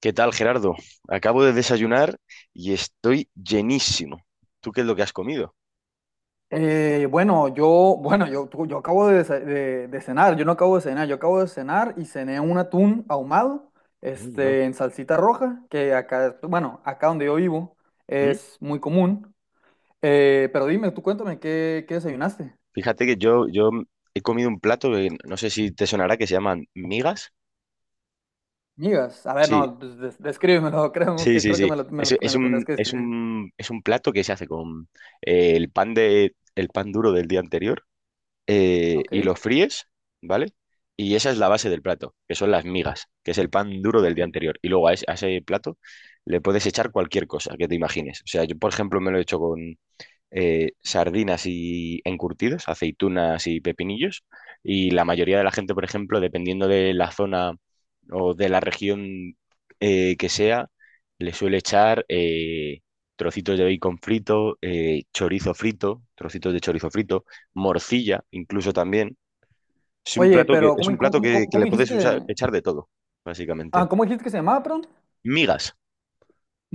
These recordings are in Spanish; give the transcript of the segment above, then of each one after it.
¿Qué tal, Gerardo? Acabo de desayunar y estoy llenísimo. ¿Tú qué es lo que has comido? Bueno, yo, yo acabo de, cenar, yo no acabo de cenar, yo acabo de cenar y cené un atún ahumado, Mm, no. En salsita roja, que acá, bueno, acá donde yo vivo ¿Mm? es muy común. Pero dime, tú cuéntame, qué desayunaste? Fíjate que yo he comido un plato que no sé si te sonará, que se llaman migas. Migas, a ver, Sí, no, pues, descríbemelo. Sí, sí, Creo que sí. Es, me es lo tendrás un, que es describir. un, es un plato que se hace con el pan duro del día anterior Ok, y lo fríes, ¿vale? Y esa es la base del plato, que son las migas, que es el pan duro del ok. día anterior. Y luego a ese plato le puedes echar cualquier cosa que te imagines. O sea, yo, por ejemplo, me lo he hecho con sardinas y encurtidos, aceitunas y pepinillos. Y la mayoría de la gente, por ejemplo, dependiendo de la zona o de la región que sea, le suele echar trocitos de bacon frito, chorizo frito, trocitos de chorizo frito, morcilla incluso también. Es un Oye, plato que, pero es un plato que cómo le dijiste puedes usar, que, echar de todo, básicamente. Cómo dijiste que se llamaba, perdón? Migas,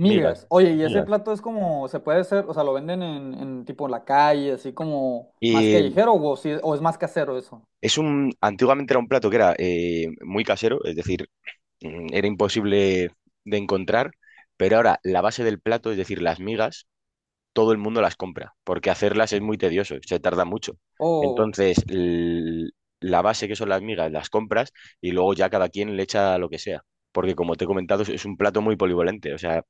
migas, Oye, y ese migas. plato es como, se puede hacer, o sea, lo venden en tipo en la calle, así como más Y callejero, o, si, o es más casero eso. Antiguamente era un plato que era muy casero, es decir, era imposible de encontrar, pero ahora la base del plato, es decir, las migas, todo el mundo las compra, porque hacerlas es muy tedioso, se tarda mucho. O Entonces, la base que son las migas, las compras y luego ya cada quien le echa lo que sea. Porque como te he comentado, es un plato muy polivalente. O sea,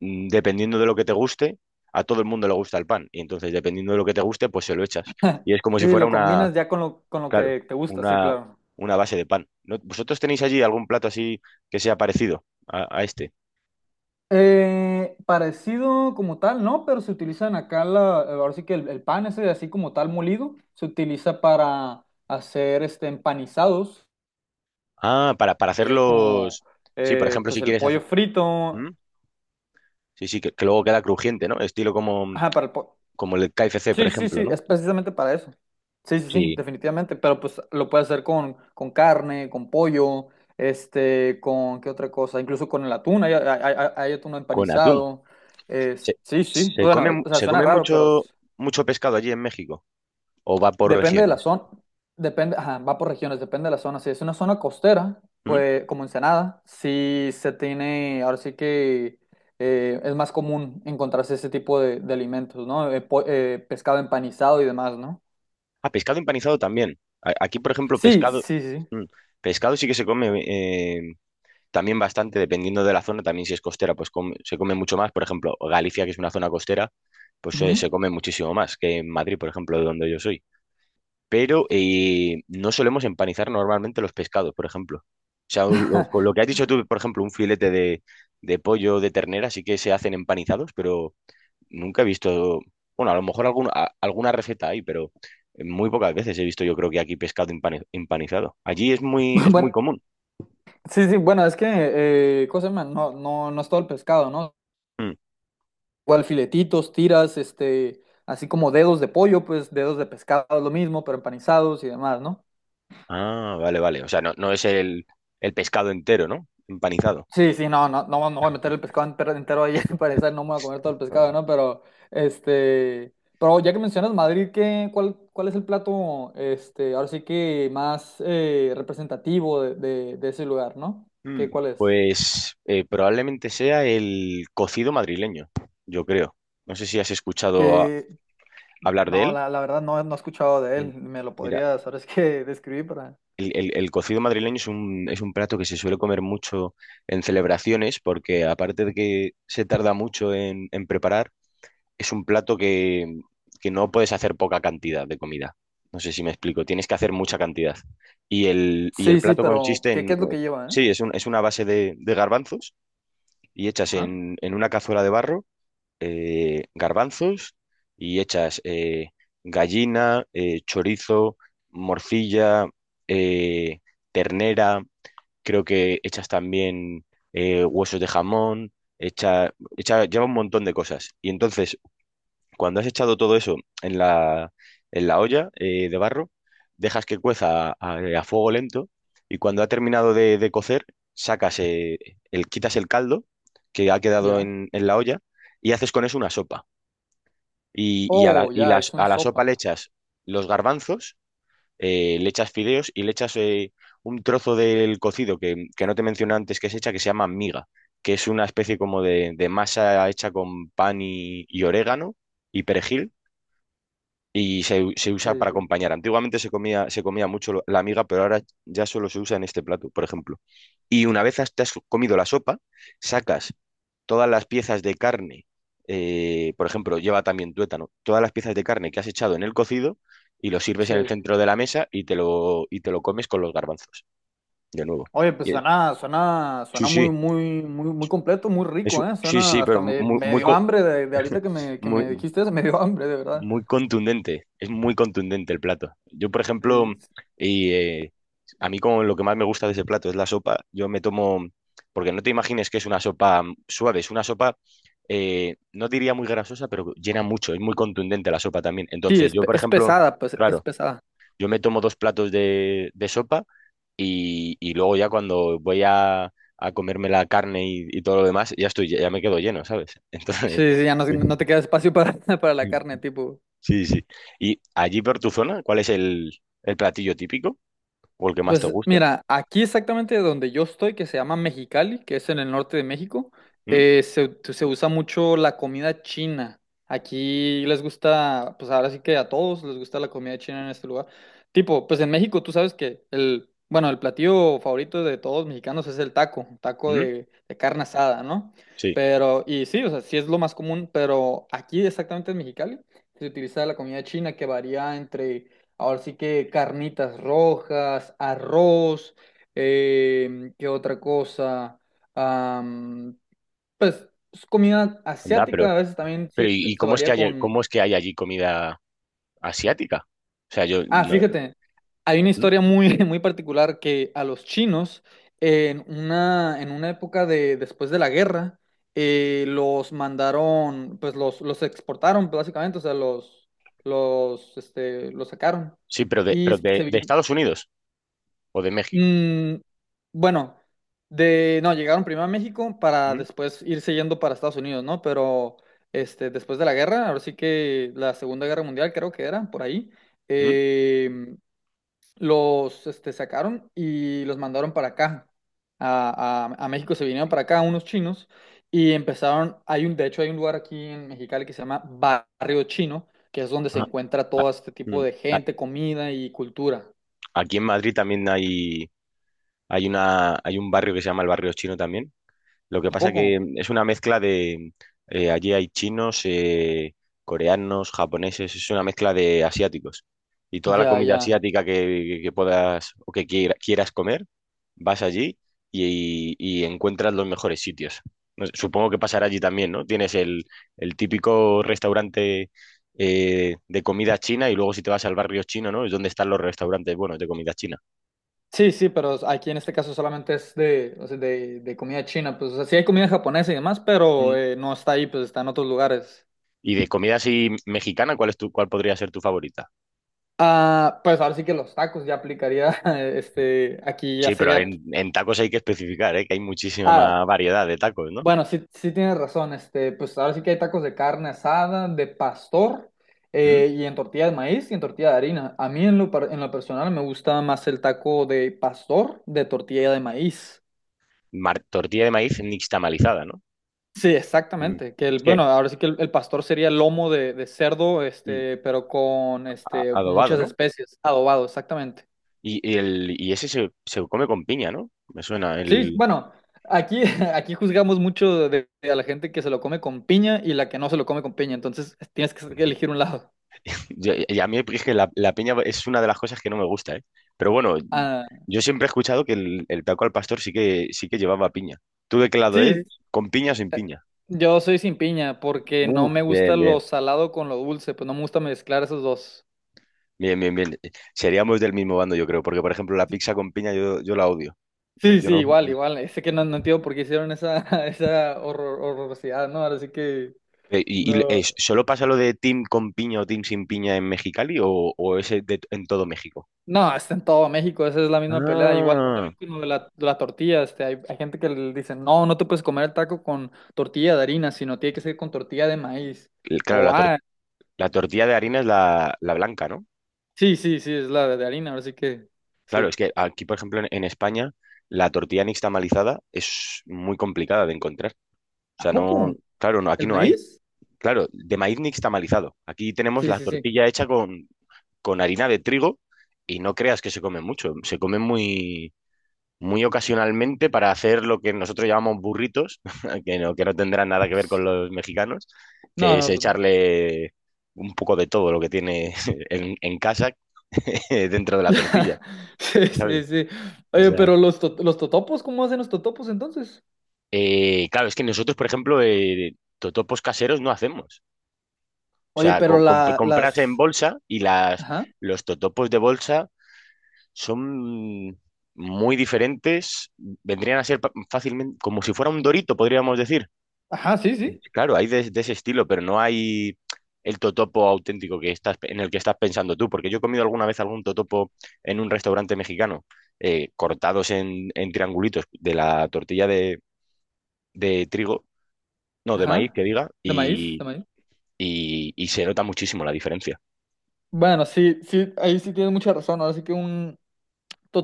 dependiendo de lo que te guste, a todo el mundo le gusta el pan. Y entonces, dependiendo de lo que te guste, pues se lo echas. Y es como si sí, fuera. lo combinas ya con con lo Claro, que te gusta, sí, una, claro. una base de pan. ¿Vosotros tenéis allí algún plato así que sea parecido a este? Parecido como tal, ¿no? Pero se utilizan acá, ahora sí que el pan ese así como tal molido, se utiliza para hacer este empanizados, Ah, para que es como, hacerlos. Sí, por ejemplo, pues si el quieres pollo hacer. frito, ¿Mm? Sí, sí, que luego queda crujiente, ¿no? Estilo como, ajá, para el pollo. como el KFC, por Sí, sí, ejemplo, sí, ¿no? es precisamente para eso. Sí, sí, sí, Sí, definitivamente, pero pues lo puedes hacer con carne, con pollo, con qué otra cosa, incluso con el atún, hay atún con atún. empanizado. Es, ¿Se, sí, sí, se come, bueno, mu- o sea, se suena come raro, pero mucho, mucho pescado allí en México? ¿O va por depende de la regiones? zona, depende, ajá, va por regiones, depende de la zona. Si es una zona costera, ¿Mm? pues como Ensenada, sí se tiene, ahora sí que es más común encontrarse ese tipo de alimentos, ¿no? Pescado empanizado y demás, ¿no? Ah, pescado empanizado también. Aquí, por ejemplo, Sí, pescado. sí, sí. mm, Pescado sí que se come. También bastante, dependiendo de la zona, también si es costera, pues se come mucho más. Por ejemplo, Galicia, que es una zona costera, pues Ujú. se come muchísimo más que en Madrid, por ejemplo, de donde yo soy. Pero no solemos empanizar normalmente los pescados, por ejemplo. O sea, con lo que has dicho tú, por ejemplo, un filete de pollo de ternera sí que se hacen empanizados, pero nunca he visto, bueno, a lo mejor alguna receta hay, pero muy pocas veces he visto yo creo que aquí pescado empanizado. Allí es muy Bueno, común. sí, sí, bueno, es que, cosa, man, no, no, no es todo el pescado, ¿no? Mm. Igual filetitos, tiras, así como dedos de pollo, pues dedos de pescado es lo mismo, pero empanizados y demás, ¿no? Ah, vale, vale. O sea, no, no es el pescado entero, ¿no? Empanizado. Sí, sí, no, no, no, no voy a meter el pescado entero, entero ahí, para no me voy a comer todo el pescado, Vale. ¿no? Pero, pero ya que mencionas Madrid, ¿qué, cuál es el plato, ahora sí que más representativo de ese lugar, ¿no? ¿Qué, cuál es? Pues probablemente sea el cocido madrileño, yo creo. No sé si has escuchado hablar de No, él. La verdad no, no he escuchado de Mm, él. ¿Me lo Mira, podrías, sabes qué, describir para...? el cocido madrileño es un plato que se suele comer mucho en celebraciones porque aparte de que se tarda mucho en preparar, es un plato que no puedes hacer poca cantidad de comida. No sé si me explico, tienes que hacer mucha cantidad. Y el Sí, sí, plato pero consiste ¿qué, qué en, es lo que lleva, eh? sí, es una base de garbanzos y echas Ajá, en una cazuela de barro, garbanzos y echas gallina, chorizo, morcilla, eh, ternera, creo que echas también huesos de jamón, lleva un montón de cosas. Y entonces cuando has echado todo eso en la, en la olla de barro, dejas que cueza a fuego lento y cuando ha terminado de cocer, sacas eh, quitas el caldo que ha quedado ya. en la olla y haces con eso una sopa. Y, y a la, Oh, y ya, las- es una a la sopa sopa. le echas los garbanzos, le echas fideos y le echas un trozo del cocido que no te mencioné antes que se llama miga, que es una especie como de masa hecha con pan y orégano y perejil y se Sí, usa para sí, acompañar. Antiguamente se comía mucho la miga, pero ahora ya solo se usa en este plato, por ejemplo. Y una vez te has comido la sopa, sacas todas las piezas de carne, por ejemplo, lleva también tuétano, todas las piezas de carne que has echado en el cocido y lo sirves en el sí. centro de la mesa y te lo comes con los garbanzos, de nuevo. Oye, pues Y, eh, suena, suena, sí, suena muy, sí, muy, muy, muy completo, muy es rico, un- ¿eh? sí, Suena, sí, pero hasta me dio hambre de ahorita que que muy- me dijiste eso, me dio hambre, de verdad. Muy contundente, es muy contundente el plato. Yo, por Sí, ejemplo, y, eh, a mí como lo que más me gusta de ese plato es la sopa, yo me tomo, porque no te imagines que es una sopa suave, es una sopa, no diría muy grasosa, pero llena mucho, es muy contundente la sopa también. sí, Entonces, es, yo, por es ejemplo, pesada, pues, es claro, pesada. yo me tomo dos platos de sopa y luego ya cuando voy a comerme la carne y todo lo demás, ya me quedo lleno, ¿sabes? Sí, sí, ya no, no te queda espacio para, para la carne, Entonces, tipo. Sí, sí. ¿Y allí por tu zona, cuál es el platillo típico o el que más te Pues gusta? mira, aquí exactamente donde yo estoy, que se llama Mexicali, que es en el norte de México, ¿Mm? Se usa mucho la comida china. Aquí les gusta, pues ahora sí que a todos les gusta la comida china en este lugar. Tipo, pues en México tú sabes que el, bueno, el platillo favorito de todos los mexicanos es el taco, taco ¿Mm? De carne asada, ¿no? Sí, Pero, y sí, o sea, sí es lo más común, pero aquí exactamente en Mexicali se utiliza la comida china que varía entre... Ahora sí que carnitas rojas, arroz, ¿qué otra cosa? Am, pues es comida anda, pero, asiática a veces también pero ¿y y se cómo es que varía hay, con... cómo es que hay allí comida asiática? O sea, yo Ah, no. fíjate, hay una ¿Mm? historia muy, muy particular que a los chinos, en una época de, después de la guerra, los mandaron, pues los exportaron básicamente, o sea, los sacaron. Sí, pero de, Y pero de, se, de Estados Unidos o de México. Mm, bueno, de no, llegaron primero a México para ¿Mm? después irse yendo para Estados Unidos, ¿no? Pero después de la guerra, ahora sí que la Segunda Guerra Mundial creo que era, por ahí, ¿Mm? eh, sacaron y los mandaron para acá. A México se vinieron para acá unos chinos y empezaron, de hecho hay un lugar aquí en Mexicali que se llama Barrio Chino, que es donde se Ah, encuentra ah, todo este mm. tipo de A- gente, comida y cultura. Aquí en Madrid también hay un barrio que se llama el barrio chino también. Lo que ¿A pasa poco? que es una mezcla de. Allí hay chinos, coreanos, japoneses, es una mezcla de asiáticos. Y toda la Ya, comida ya. asiática que puedas o que quieras comer, vas allí y encuentras los mejores sitios. No sé, supongo que pasará allí también, ¿no? Tienes el típico restaurante de comida china y luego si te vas al barrio chino, ¿no? Es donde están los restaurantes buenos de comida china. Sí, sí, pero aquí en este caso solamente es de, o sea, de comida china, pues, o sea, sí hay comida japonesa y demás, pero Mm. No está ahí, pues está en otros lugares. Y de comida así mexicana, ¿Cuál podría ser tu favorita? Ah, pues ahora sí que los tacos ya aplicaría, aquí ya Sí, pero sería, en tacos hay que especificar, ¿eh? Que hay muchísima ah, más variedad de tacos, ¿no? bueno, sí, sí tienes razón, pues ahora sí que hay tacos de carne asada, de pastor, ¿Mm? Y en tortilla de maíz y en tortilla de harina. A mí en lo, en lo personal me gusta más el taco de pastor, de tortilla de maíz. Tortilla de maíz nixtamalizada, ¿no? Sí, Mm. exactamente. Que el, Es que bueno, ahora sí que el pastor sería lomo de cerdo, mm, pero con este, adobado, muchas ¿no? especies, adobado, exactamente. Y ese se come con piña, ¿no? Me suena. Sí, El. bueno, aquí, aquí juzgamos mucho de a la gente que se lo come con piña y la que no se lo come con piña, entonces tienes que elegir un lado. Y a mí es que la piña es una de las cosas que no me gusta, ¿eh? Pero bueno, Ah, yo siempre he escuchado que el taco al pastor sí que llevaba piña. ¿Tú de qué lado sí, eres? ¿Con piña o sin piña? yo soy sin piña porque no Uf, me bien, gusta lo bien. salado con lo dulce, pues no me gusta mezclar esos dos. Bien, bien, bien. Seríamos del mismo bando, yo creo, porque por ejemplo la pizza con piña yo la odio. No, Sí, yo sí, no. igual, igual. Sé que no, no entiendo por qué hicieron esa, esa horrorosidad, ¿no? Ahora sí que ¿Y, y, no. eh, solo pasa lo de team con piña o team sin piña en Mexicali o en todo México? No, está en todo México, esa es la misma pelea. Igual Ah, también con lo de de la tortilla, hay, hay gente que le dice, no, no te puedes comer el taco con tortilla de harina, sino tiene que ser con tortilla de maíz. Claro, O, ah, la tortilla de harina es la blanca, ¿no? sí, sí, sí, es la de harina, ahora sí que, Claro, es sí. que aquí, por ejemplo, en España, la tortilla nixtamalizada es muy complicada de encontrar. O ¿A sea, no, poco? claro, no, aquí ¿El no hay. maíz? Claro, de maíz nixtamalizado. Aquí tenemos Sí, la sí, sí. tortilla hecha con harina de trigo y no creas que se come mucho. Se come muy, muy ocasionalmente para hacer lo que nosotros llamamos burritos, que no, tendrán nada que ver con los mexicanos, No, que es no, pues no. echarle un poco de todo lo que tiene en casa dentro de la tortilla, Sí, ¿sabes? sí, sí. O Oye, sea, pero los, los totopos, ¿cómo hacen los totopos entonces? Claro, es que nosotros, por ejemplo, totopos caseros no hacemos. O Oye, sea, pero la, comprarse en las... bolsa y las, Ajá, los totopos de bolsa son muy diferentes, vendrían a ser fácilmente, como si fuera un dorito, podríamos decir. ajá, sí, sí. Claro, hay de ese estilo, pero no hay el totopo auténtico en el que estás pensando tú, porque yo he comido alguna vez algún totopo en un restaurante mexicano, cortados en triangulitos de la tortilla de trigo, no, de maíz, Ajá. que diga, De maíz, de y, maíz. y- y se nota muchísimo la diferencia. Bueno, sí, sí, ahí sí tienes mucha razón. Ahora sí que un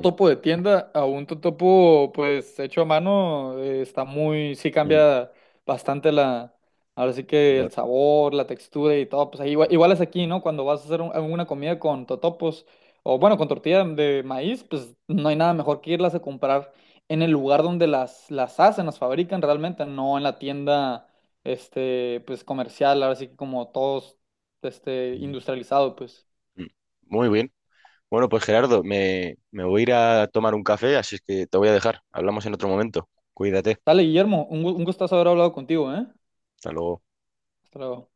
Mm, de tienda a un totopo, pues, hecho a mano, está muy, sí mm, cambia bastante la, ahora sí que el bueno, sabor, la textura y todo. Pues ahí igual, igual es aquí, ¿no? Cuando vas a hacer alguna comida con totopos, o bueno, con tortilla de maíz, pues no hay nada mejor que irlas a comprar en el lugar donde las hacen, las fabrican realmente, no en la tienda, pues comercial, ahora sí que como todos, mm, industrializado, pues. mm. Muy bien. Bueno, pues Gerardo, me voy a ir a tomar un café, así es que te voy a dejar. Hablamos en otro momento. Cuídate. Dale, Guillermo, un gustazo haber hablado contigo, ¿eh? Hasta luego. Hasta luego.